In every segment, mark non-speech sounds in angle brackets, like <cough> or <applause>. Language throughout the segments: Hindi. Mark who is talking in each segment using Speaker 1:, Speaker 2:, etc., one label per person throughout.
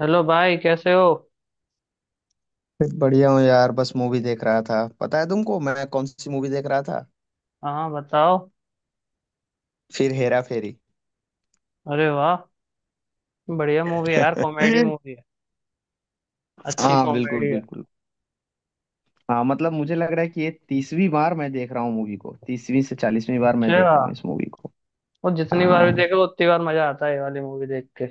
Speaker 1: हेलो भाई, कैसे हो।
Speaker 2: फिर बढ़िया हूँ यार। बस मूवी देख रहा था। पता है तुमको, मैं कौन सी मूवी देख रहा था?
Speaker 1: हाँ, बताओ।
Speaker 2: फिर हेरा फेरी।
Speaker 1: अरे वाह। बढ़िया मूवी है यार, कॉमेडी मूवी
Speaker 2: <laughs>
Speaker 1: है। अच्छी
Speaker 2: हाँ बिल्कुल
Speaker 1: कॉमेडी है।
Speaker 2: बिल्कुल। हाँ, मतलब मुझे लग रहा है कि ये 30वीं बार मैं देख रहा हूँ मूवी को, 30वीं से 40वीं बार मैं
Speaker 1: अच्छा।
Speaker 2: देख रहा हूँ इस मूवी को।
Speaker 1: वो जितनी बार भी
Speaker 2: हाँ।
Speaker 1: देखो उतनी बार मजा आता है ये वाली मूवी देख के।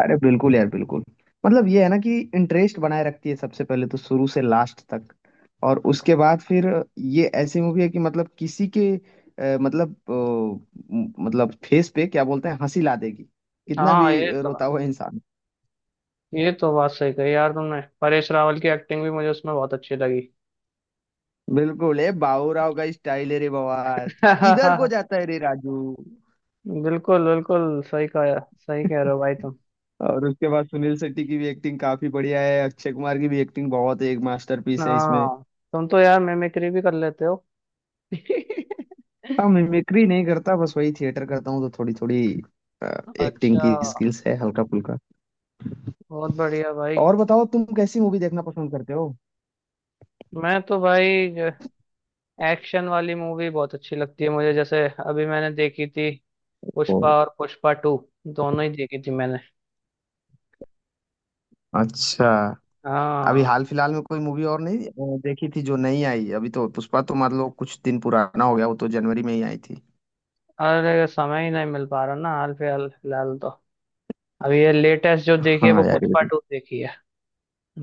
Speaker 2: अरे बिल्कुल यार, बिल्कुल। मतलब ये है ना कि इंटरेस्ट बनाए रखती है सबसे पहले तो, शुरू से लास्ट तक। और उसके बाद फिर ये ऐसी मूवी है कि मतलब किसी के मतलब मतलब फेस पे, क्या बोलते हैं, हंसी ला देगी कितना
Speaker 1: हाँ,
Speaker 2: भी
Speaker 1: ये तो।
Speaker 2: रोता हुआ इंसान।
Speaker 1: ये तो बात सही कही यार तुमने, परेश रावल की एक्टिंग भी मुझे उसमें बहुत अच्छी लगी।
Speaker 2: बिल्कुल। ए बाबूराव का स्टाइल है रे, बवाल किधर को
Speaker 1: <laughs>
Speaker 2: जाता है रे राजू।
Speaker 1: बिल्कुल बिल्कुल सही कहा। सही कह रहे हो भाई तुम।
Speaker 2: और उसके बाद सुनील शेट्टी की भी एक्टिंग काफी बढ़िया है, अक्षय कुमार की भी एक्टिंग बहुत, एक मास्टरपीस है इसमें।
Speaker 1: हाँ, तुम तो यार मिमिक्री भी कर लेते हो। <laughs>
Speaker 2: हाँ, मिमिक्री नहीं करता, बस वही थिएटर करता हूँ तो थोड़ी थोड़ी एक्टिंग
Speaker 1: अच्छा।
Speaker 2: की स्किल्स है, हल्का फुल्का।
Speaker 1: बहुत बढ़िया भाई।
Speaker 2: और बताओ, तुम कैसी मूवी देखना पसंद करते हो?
Speaker 1: मैं तो भाई एक्शन वाली मूवी बहुत अच्छी लगती है मुझे, जैसे अभी मैंने देखी थी
Speaker 2: ओ,
Speaker 1: पुष्पा और पुष्पा टू। दोनों ही देखी थी मैंने।
Speaker 2: अच्छा। अभी
Speaker 1: हाँ।
Speaker 2: हाल फिलहाल में कोई मूवी और नहीं देखी थी जो नहीं आई अभी तो। पुष्पा तो मान लो कुछ दिन पुराना हो गया, वो तो जनवरी में ही आई थी।
Speaker 1: अरे, समय ही नहीं मिल पा रहा ना हाल फिलहाल फिलहाल तो अभी ये लेटेस्ट जो देखी है वो
Speaker 2: हाँ यार,
Speaker 1: पुष्पा टू देखी है।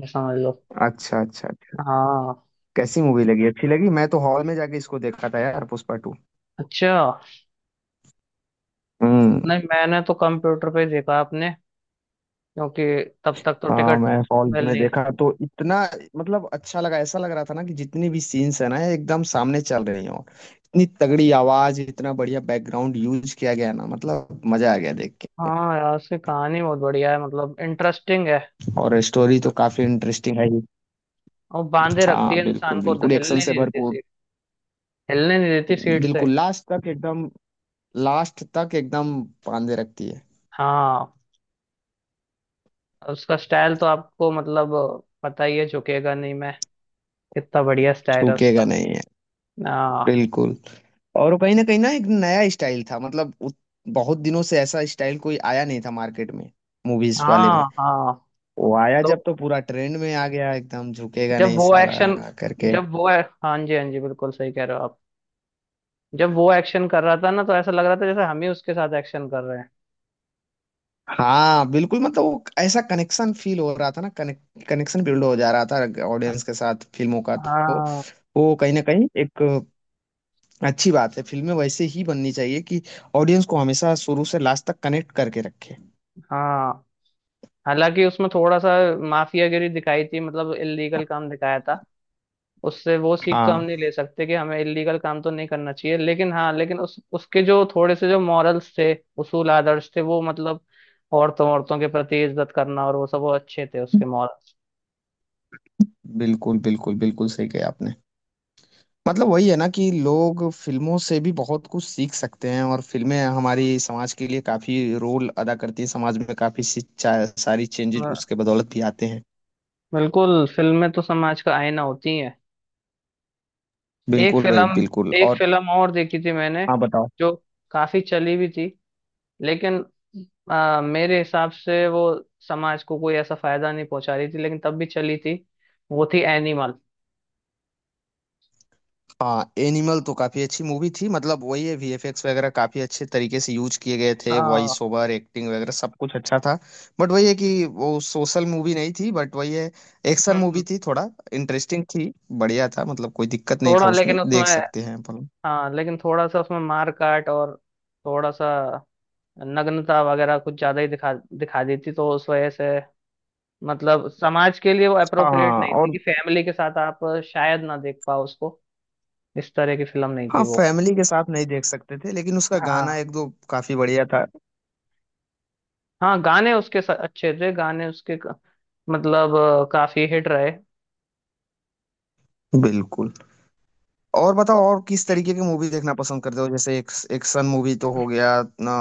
Speaker 1: ये समझ लो।
Speaker 2: अच्छा अच्छा।
Speaker 1: हाँ।
Speaker 2: कैसी मूवी लगी? अच्छी लगी? मैं तो हॉल में जाके इसको देखा था यार, पुष्पा टू।
Speaker 1: अच्छा।
Speaker 2: हम्म।
Speaker 1: नहीं, मैंने तो कंप्यूटर पे ही देखा आपने, क्योंकि तब तक तो
Speaker 2: हाँ,
Speaker 1: टिकट
Speaker 2: मैं हॉल
Speaker 1: मिल
Speaker 2: में
Speaker 1: नहीं।
Speaker 2: देखा तो इतना मतलब अच्छा लगा। ऐसा लग रहा था ना कि जितनी भी सीन्स है ना ये एकदम सामने चल रही हो, इतनी तगड़ी आवाज, इतना बढ़िया बैकग्राउंड यूज किया गया ना। मतलब मजा आ गया देख के।
Speaker 1: हाँ यार, उसकी कहानी बहुत बढ़िया है, मतलब इंटरेस्टिंग है।
Speaker 2: और स्टोरी तो काफी इंटरेस्टिंग है ही।
Speaker 1: और बांधे रखती
Speaker 2: हाँ
Speaker 1: है इंसान
Speaker 2: बिल्कुल
Speaker 1: को,
Speaker 2: बिल्कुल, एक्शन
Speaker 1: हिलने
Speaker 2: से
Speaker 1: नहीं देती
Speaker 2: भरपूर।
Speaker 1: सीट। हिलने नहीं देती सीट से।
Speaker 2: बिल्कुल लास्ट तक एकदम। लास्ट तक एकदम बांधे रखती है।
Speaker 1: हाँ, उसका स्टाइल तो आपको मतलब पता ही है, झुकेगा नहीं मैं। कितना बढ़िया स्टाइल है
Speaker 2: छूकेगा
Speaker 1: उसका।
Speaker 2: नहीं है।
Speaker 1: आ,
Speaker 2: बिल्कुल। और वो कहीं ना एक नया स्टाइल था, मतलब बहुत दिनों से ऐसा स्टाइल कोई आया नहीं था मार्केट में, मूवीज वाले
Speaker 1: हाँ,
Speaker 2: में।
Speaker 1: हाँ।
Speaker 2: वो आया
Speaker 1: लो।
Speaker 2: जब तो पूरा ट्रेंड में आ गया एकदम, झुकेगा
Speaker 1: जब
Speaker 2: नहीं
Speaker 1: वो
Speaker 2: साला
Speaker 1: एक्शन।
Speaker 2: करके।
Speaker 1: जब वो, हाँ जी हाँ जी, बिल्कुल सही कह रहे हो आप। जब वो एक्शन कर रहा था ना तो ऐसा लग रहा था जैसे हम ही उसके साथ एक्शन कर रहे हैं।
Speaker 2: हाँ बिल्कुल, मतलब वो ऐसा कनेक्शन फील हो रहा था ना, कनेक्ट कनेक्शन बिल्ड हो जा रहा था ऑडियंस के साथ फिल्मों का तो।
Speaker 1: हाँ,
Speaker 2: वो कहीं ना कहीं एक अच्छी बात है, फिल्में वैसे ही बननी चाहिए कि ऑडियंस को हमेशा शुरू से लास्ट तक कनेक्ट करके रखे।
Speaker 1: हाँ। हालांकि उसमें थोड़ा सा माफियागिरी दिखाई थी, मतलब इलीगल काम दिखाया था। उससे वो सीख तो हम
Speaker 2: हाँ
Speaker 1: नहीं ले सकते कि हमें इलीगल काम तो नहीं करना चाहिए, लेकिन हाँ, लेकिन उस उसके जो थोड़े से जो मॉरल्स थे, उसूल आदर्श थे, वो मतलब औरतों औरतों के प्रति इज्जत करना और वो सब वो अच्छे थे उसके मॉरल्स।
Speaker 2: बिल्कुल बिल्कुल, बिल्कुल सही कहा आपने। मतलब वही है ना कि लोग फिल्मों से भी बहुत कुछ सीख सकते हैं, और फिल्में हमारी समाज के लिए काफी रोल अदा करती हैं, समाज में काफी सारी चेंजेज उसके बदौलत भी आते हैं।
Speaker 1: बिल्कुल, फिल्में तो समाज का आईना होती हैं। एक
Speaker 2: बिल्कुल भाई,
Speaker 1: फिल्म,
Speaker 2: बिल्कुल।
Speaker 1: एक
Speaker 2: और
Speaker 1: फिल्म और देखी थी मैंने,
Speaker 2: हाँ बताओ।
Speaker 1: जो काफी चली भी थी, लेकिन मेरे हिसाब से वो समाज को कोई ऐसा फायदा नहीं पहुंचा रही थी, लेकिन तब भी चली थी। वो थी एनिमल।
Speaker 2: हाँ, एनिमल तो काफी अच्छी मूवी थी, मतलब वही है वीएफएक्स वगैरह काफी अच्छे तरीके से यूज किए गए थे, वॉइस ओवर एक्टिंग वगैरह सब कुछ अच्छा था। बट वही है कि वो सोशल मूवी नहीं थी। बट वही है, एक्शन मूवी
Speaker 1: हाँ,
Speaker 2: थी, थोड़ा इंटरेस्टिंग थी। बढ़िया था, मतलब कोई दिक्कत नहीं था
Speaker 1: थोड़ा
Speaker 2: उसमें,
Speaker 1: लेकिन उसमें।
Speaker 2: देख सकते हैं अपन।
Speaker 1: हाँ, लेकिन थोड़ा सा उसमें मार काट और थोड़ा सा नग्नता वगैरह कुछ ज्यादा ही दिखा दिखा दी थी, तो उस वजह से मतलब समाज के लिए वो अप्रोप्रिएट
Speaker 2: हाँ।
Speaker 1: नहीं थी
Speaker 2: और
Speaker 1: कि फैमिली के साथ आप शायद ना देख पाओ उसको। इस तरह की फिल्म नहीं थी
Speaker 2: हाँ,
Speaker 1: वो।
Speaker 2: फैमिली के साथ नहीं देख सकते थे, लेकिन उसका गाना
Speaker 1: हाँ।
Speaker 2: एक दो काफी बढ़िया था।
Speaker 1: हाँ, गाने उसके अच्छे थे, गाने उसके मतलब काफी हिट रहे।
Speaker 2: बिल्कुल। और बताओ, और किस तरीके की मूवी देखना पसंद करते हो? जैसे एक एक्शन मूवी तो हो गया ना,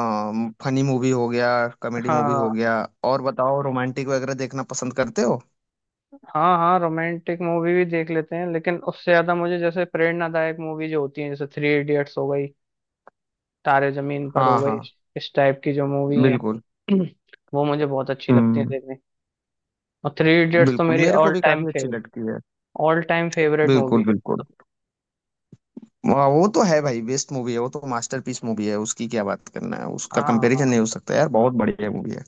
Speaker 2: फनी मूवी हो गया, कॉमेडी मूवी
Speaker 1: हाँ,
Speaker 2: हो गया, और बताओ रोमांटिक वगैरह देखना पसंद करते हो?
Speaker 1: हाँ, हाँ, रोमांटिक मूवी भी देख लेते हैं, लेकिन उससे ज्यादा मुझे जैसे प्रेरणादायक मूवी जो होती है जैसे थ्री इडियट्स हो गई, तारे जमीन पर
Speaker 2: हाँ
Speaker 1: हो गई,
Speaker 2: हाँ।
Speaker 1: इस टाइप की जो मूवी है।
Speaker 2: बिल्कुल।
Speaker 1: <clears throat> वो मुझे बहुत अच्छी लगती है
Speaker 2: हम्म।
Speaker 1: देखने। और थ्री इडियट्स तो
Speaker 2: बिल्कुल,
Speaker 1: मेरी
Speaker 2: मेरे को
Speaker 1: ऑल
Speaker 2: भी
Speaker 1: टाइम
Speaker 2: काफी अच्छी
Speaker 1: फेवरेट।
Speaker 2: लगती है।
Speaker 1: ऑल टाइम फेवरेट मूवी
Speaker 2: बिल्कुल
Speaker 1: है।
Speaker 2: बिल्कुल। वाह, वो तो है भाई। बेस्ट मूवी है वो तो, मास्टरपीस मूवी है। उसकी क्या बात करना है, उसका
Speaker 1: हाँ, हाँ।
Speaker 2: कंपैरिजन नहीं हो सकता यार, बहुत बढ़िया मूवी है।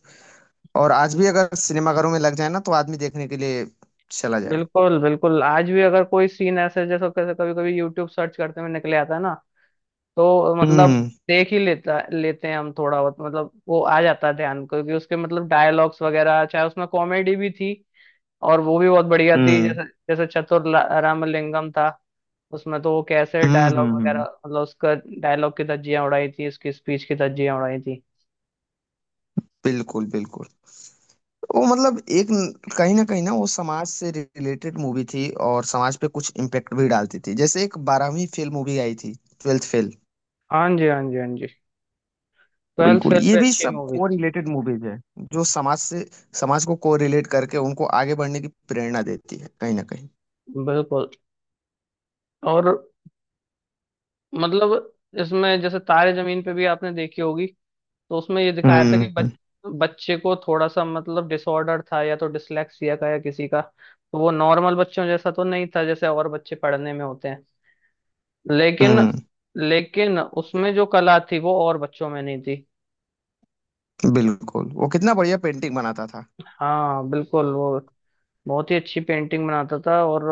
Speaker 2: और आज भी अगर सिनेमाघरों में लग जाए ना तो आदमी देखने के लिए चला जाए।
Speaker 1: बिल्कुल बिल्कुल, आज भी अगर कोई सीन ऐसे, जैसे कैसे कभी कभी यूट्यूब सर्च करते हुए निकले आता है ना, तो मतलब
Speaker 2: हम्म,
Speaker 1: देख ही लेता लेते हैं हम थोड़ा बहुत, मतलब वो आ जाता है ध्यान, क्योंकि उसके मतलब डायलॉग्स वगैरह, चाहे उसमें कॉमेडी भी थी और वो भी बहुत बढ़िया थी,
Speaker 2: हम्म,
Speaker 1: जैसे जैसे चतुर रामलिंगम था, उसमें तो वो कैसे
Speaker 2: हम्म,
Speaker 1: डायलॉग
Speaker 2: हम्म,
Speaker 1: वगैरह
Speaker 2: हम्म।
Speaker 1: मतलब उसका डायलॉग की धज्जियां उड़ाई थी, उसकी स्पीच की धज्जियां उड़ाई थी।
Speaker 2: बिल्कुल बिल्कुल। वो मतलब एक न- कहीं ना वो समाज से रिलेटेड मूवी थी और समाज पे कुछ इम्पेक्ट भी डालती थी, जैसे एक बारहवीं फेल मूवी आई थी, ट्वेल्थ फेल।
Speaker 1: हाँ जी हाँ जी हाँ जी। ट्वेल्थ
Speaker 2: बिल्कुल,
Speaker 1: फेल
Speaker 2: ये
Speaker 1: भी
Speaker 2: भी
Speaker 1: अच्छी
Speaker 2: सब
Speaker 1: मूवी
Speaker 2: को
Speaker 1: थी।
Speaker 2: रिलेटेड मूवीज है, जो समाज से, समाज को रिलेट करके उनको आगे बढ़ने की प्रेरणा देती है कहीं ना कहीं।
Speaker 1: बिल्कुल। और मतलब इसमें जैसे तारे जमीन पे भी आपने देखी होगी, तो उसमें ये दिखाया था कि
Speaker 2: हम्म,
Speaker 1: बच्चे को थोड़ा सा मतलब डिसऑर्डर था या तो डिसलेक्सिया का या किसी का, तो वो नॉर्मल बच्चों जैसा तो नहीं था जैसे और बच्चे पढ़ने में होते हैं, लेकिन
Speaker 2: हम्म।
Speaker 1: लेकिन उसमें जो कला थी वो और बच्चों में नहीं थी।
Speaker 2: बिल्कुल, वो कितना बढ़िया पेंटिंग बनाता था।
Speaker 1: हाँ बिल्कुल, वो बहुत ही अच्छी पेंटिंग बनाता था। और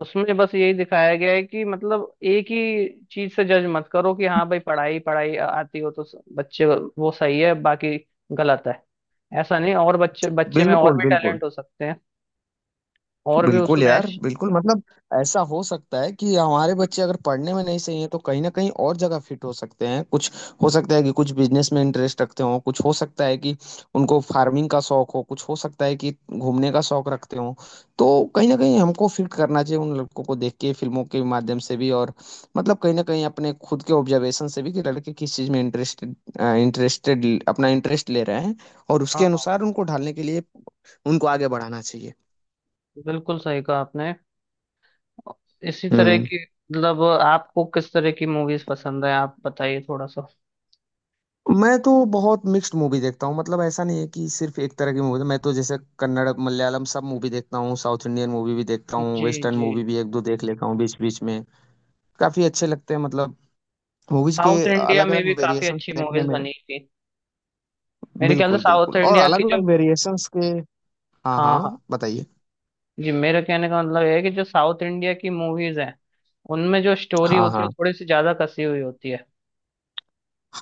Speaker 1: उसमें बस यही दिखाया गया है कि मतलब एक ही चीज से जज मत करो कि हाँ भाई, पढ़ाई पढ़ाई आती हो तो बच्चे वो सही है, बाकी गलत है। ऐसा नहीं, और बच्चे बच्चे में और
Speaker 2: बिल्कुल
Speaker 1: भी
Speaker 2: बिल्कुल
Speaker 1: टैलेंट हो सकते हैं और भी
Speaker 2: बिल्कुल
Speaker 1: उसमें
Speaker 2: यार
Speaker 1: श-
Speaker 2: बिल्कुल, मतलब ऐसा हो सकता है कि हमारे बच्चे अगर पढ़ने में नहीं सही हैं तो कहीं ना कहीं और जगह फिट हो सकते हैं कुछ। हो सकता है कि कुछ बिजनेस में इंटरेस्ट रखते हों, कुछ हो सकता है कि उनको फार्मिंग का शौक हो, कुछ हो सकता है कि घूमने का शौक रखते हों, तो कहीं ना कहीं हमको फिट करना चाहिए उन लड़कों को, देख के फिल्मों के माध्यम से भी, और मतलब कहीं ना कहीं अपने खुद के ऑब्जर्वेशन से भी कि लड़के किस चीज़ में इंटरेस्टेड इंटरेस्टेड, अपना इंटरेस्ट ले रहे हैं, और उसके
Speaker 1: हाँ,
Speaker 2: अनुसार उनको ढालने के लिए उनको आगे बढ़ाना चाहिए।
Speaker 1: बिल्कुल सही कहा आपने। इसी तरह
Speaker 2: हम्म।
Speaker 1: की मतलब आपको किस तरह की मूवीज पसंद है आप बताइए थोड़ा सा।
Speaker 2: मैं तो बहुत मिक्स्ड मूवी देखता हूँ, मतलब ऐसा नहीं है कि सिर्फ एक तरह की मूवी। मैं तो जैसे कन्नड़ मलयालम सब मूवी देखता हूँ, साउथ इंडियन मूवी भी देखता हूँ,
Speaker 1: जी
Speaker 2: वेस्टर्न
Speaker 1: जी।
Speaker 2: मूवी भी एक दो देख लेता हूँ बीच बीच में, काफी अच्छे लगते हैं मतलब मूवीज के
Speaker 1: साउथ इंडिया
Speaker 2: अलग
Speaker 1: में भी
Speaker 2: अलग
Speaker 1: काफी
Speaker 2: वेरिएशन
Speaker 1: अच्छी
Speaker 2: देखने
Speaker 1: मूवीज
Speaker 2: में।
Speaker 1: बनी थी। मेरे ख्याल से
Speaker 2: बिल्कुल बिल्कुल,
Speaker 1: साउथ
Speaker 2: और
Speaker 1: इंडिया की
Speaker 2: अलग
Speaker 1: जो।
Speaker 2: अलग वेरिएशंस के। हाँ हाँ,
Speaker 1: हाँ
Speaker 2: बताइए।
Speaker 1: जी, मेरे कहने का मतलब ये है कि जो साउथ इंडिया की मूवीज हैं उनमें जो स्टोरी
Speaker 2: हाँ
Speaker 1: होती है
Speaker 2: हाँ
Speaker 1: वो थोड़ी सी ज्यादा कसी हुई होती है।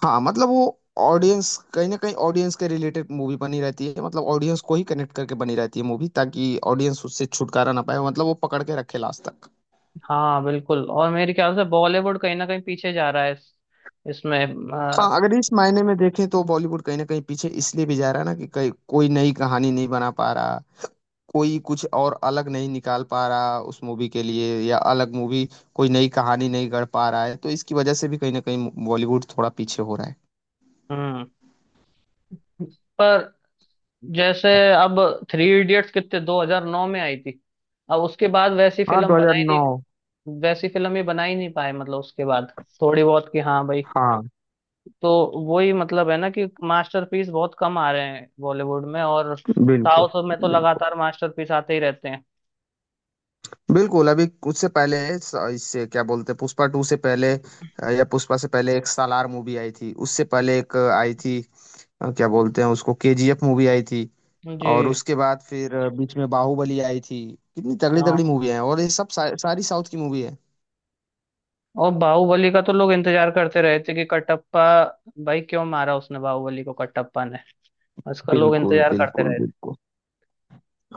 Speaker 2: हाँ, मतलब वो ऑडियंस कहीं ना कहीं, ऑडियंस के रिलेटेड मूवी बनी रहती है, मतलब ऑडियंस को ही कनेक्ट करके बनी रहती है मूवी ताकि ऑडियंस उससे छुटकारा ना पाए, मतलब वो पकड़ के रखे लास्ट तक।
Speaker 1: हाँ बिल्कुल, और मेरे ख्याल से बॉलीवुड कहीं ना कहीं पीछे जा रहा है इसमें
Speaker 2: हाँ,
Speaker 1: अ,
Speaker 2: अगर इस मायने में देखें तो बॉलीवुड कहीं ना कहीं पीछे इसलिए भी जा रहा है ना, कि कहीं कोई नई कहानी नहीं बना पा रहा, कोई कुछ और अलग नहीं निकाल पा रहा उस मूवी के लिए, या अलग मूवी कोई नई कहानी नहीं गढ़ पा रहा है, तो इसकी वजह से भी कहीं ना कहीं बॉलीवुड थोड़ा पीछे हो रहा है।
Speaker 1: हम्म पर जैसे अब थ्री इडियट्स कितने 2009 में आई थी। अब उसके बाद वैसी
Speaker 2: हाँ,
Speaker 1: फिल्म बनाई
Speaker 2: 2009।
Speaker 1: नहीं, वैसी फिल्म ही बना ही नहीं पाए, मतलब उसके बाद थोड़ी बहुत, कि हाँ भाई,
Speaker 2: हाँ
Speaker 1: तो वही मतलब है ना कि मास्टरपीस बहुत कम आ रहे हैं बॉलीवुड में, और
Speaker 2: बिल्कुल
Speaker 1: साउथ में तो
Speaker 2: बिल्कुल
Speaker 1: लगातार मास्टरपीस आते ही रहते हैं।
Speaker 2: बिल्कुल। अभी उससे पहले इससे क्या बोलते हैं, पुष्पा टू से पहले या पुष्पा से पहले एक सालार मूवी आई थी, उससे पहले एक आई थी, क्या बोलते हैं उसको, केजीएफ मूवी आई थी। और
Speaker 1: जी
Speaker 2: उसके बाद फिर बीच में बाहुबली आई थी, कितनी तगड़ी तगड़ी
Speaker 1: हाँ,
Speaker 2: मूवी है, और ये सब सारी साउथ की मूवी है।
Speaker 1: और बाहुबली का तो लोग इंतजार करते रहे थे कि कटप्पा भाई क्यों मारा उसने बाहुबली को कटप्पा ने। उसका लोग
Speaker 2: बिल्कुल
Speaker 1: इंतजार करते
Speaker 2: बिल्कुल
Speaker 1: रहे थे।
Speaker 2: बिल्कुल।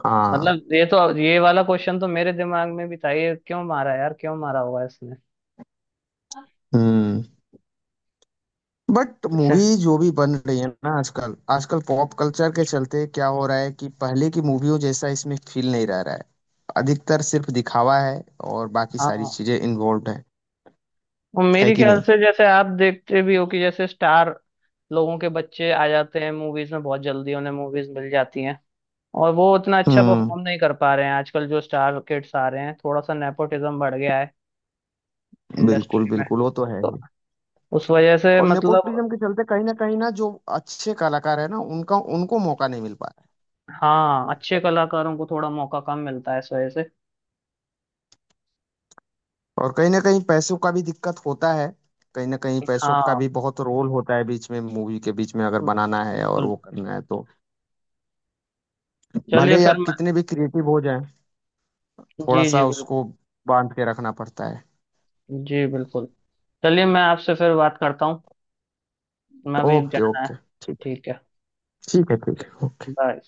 Speaker 2: हाँ।
Speaker 1: मतलब ये तो, ये वाला क्वेश्चन तो मेरे दिमाग में भी था, ये क्यों मारा यार, क्यों मारा होगा इसने।
Speaker 2: हम्म। बट
Speaker 1: ऐसे।
Speaker 2: मूवी जो भी बन रही है ना आजकल, आजकल पॉप कल्चर के चलते क्या हो रहा है कि पहले की मूवियों जैसा इसमें फील नहीं रह रहा है, अधिकतर सिर्फ दिखावा है, और बाकी सारी
Speaker 1: हाँ,
Speaker 2: चीजें इन्वॉल्व है
Speaker 1: और
Speaker 2: है
Speaker 1: मेरे
Speaker 2: कि
Speaker 1: ख्याल
Speaker 2: नहीं।
Speaker 1: से जैसे आप देखते भी हो कि जैसे स्टार लोगों के बच्चे आ जाते हैं मूवीज में, बहुत जल्दी उन्हें मूवीज मिल जाती हैं, और वो उतना अच्छा
Speaker 2: हम्म।
Speaker 1: परफॉर्म नहीं कर पा रहे हैं आजकल, जो स्टार किड्स आ रहे हैं थोड़ा सा नेपोटिज्म बढ़ गया है इंडस्ट्री
Speaker 2: बिल्कुल
Speaker 1: में।
Speaker 2: बिल्कुल, वो तो है
Speaker 1: तो
Speaker 2: ही।
Speaker 1: उस वजह से
Speaker 2: और
Speaker 1: मतलब
Speaker 2: नेपोटिज्म के चलते कहीं ना जो अच्छे कलाकार है ना, उनका उनको मौका नहीं मिल पा।
Speaker 1: हाँ, अच्छे कलाकारों को थोड़ा मौका कम मिलता है इस वजह से।
Speaker 2: और कहीं ना कहीं पैसों का भी दिक्कत होता है, कहीं ना कहीं पैसों का
Speaker 1: हाँ।
Speaker 2: भी बहुत रोल होता है, बीच में मूवी के बीच में अगर
Speaker 1: हम्म,
Speaker 2: बनाना है और
Speaker 1: बिल्कुल।
Speaker 2: वो करना है तो। भले
Speaker 1: चलिए
Speaker 2: ही
Speaker 1: फिर
Speaker 2: आप
Speaker 1: मैं,
Speaker 2: कितने भी क्रिएटिव हो जाएं, थोड़ा
Speaker 1: जी
Speaker 2: सा
Speaker 1: जी बिल्कुल,
Speaker 2: उसको बांध के रखना पड़ता है।
Speaker 1: जी बिल्कुल। चलिए, मैं आपसे फिर बात करता हूँ। मैं भी
Speaker 2: ओके
Speaker 1: जाना है।
Speaker 2: ओके। ठीक।
Speaker 1: ठीक है।
Speaker 2: ठीक है ठीक है।
Speaker 1: बाय।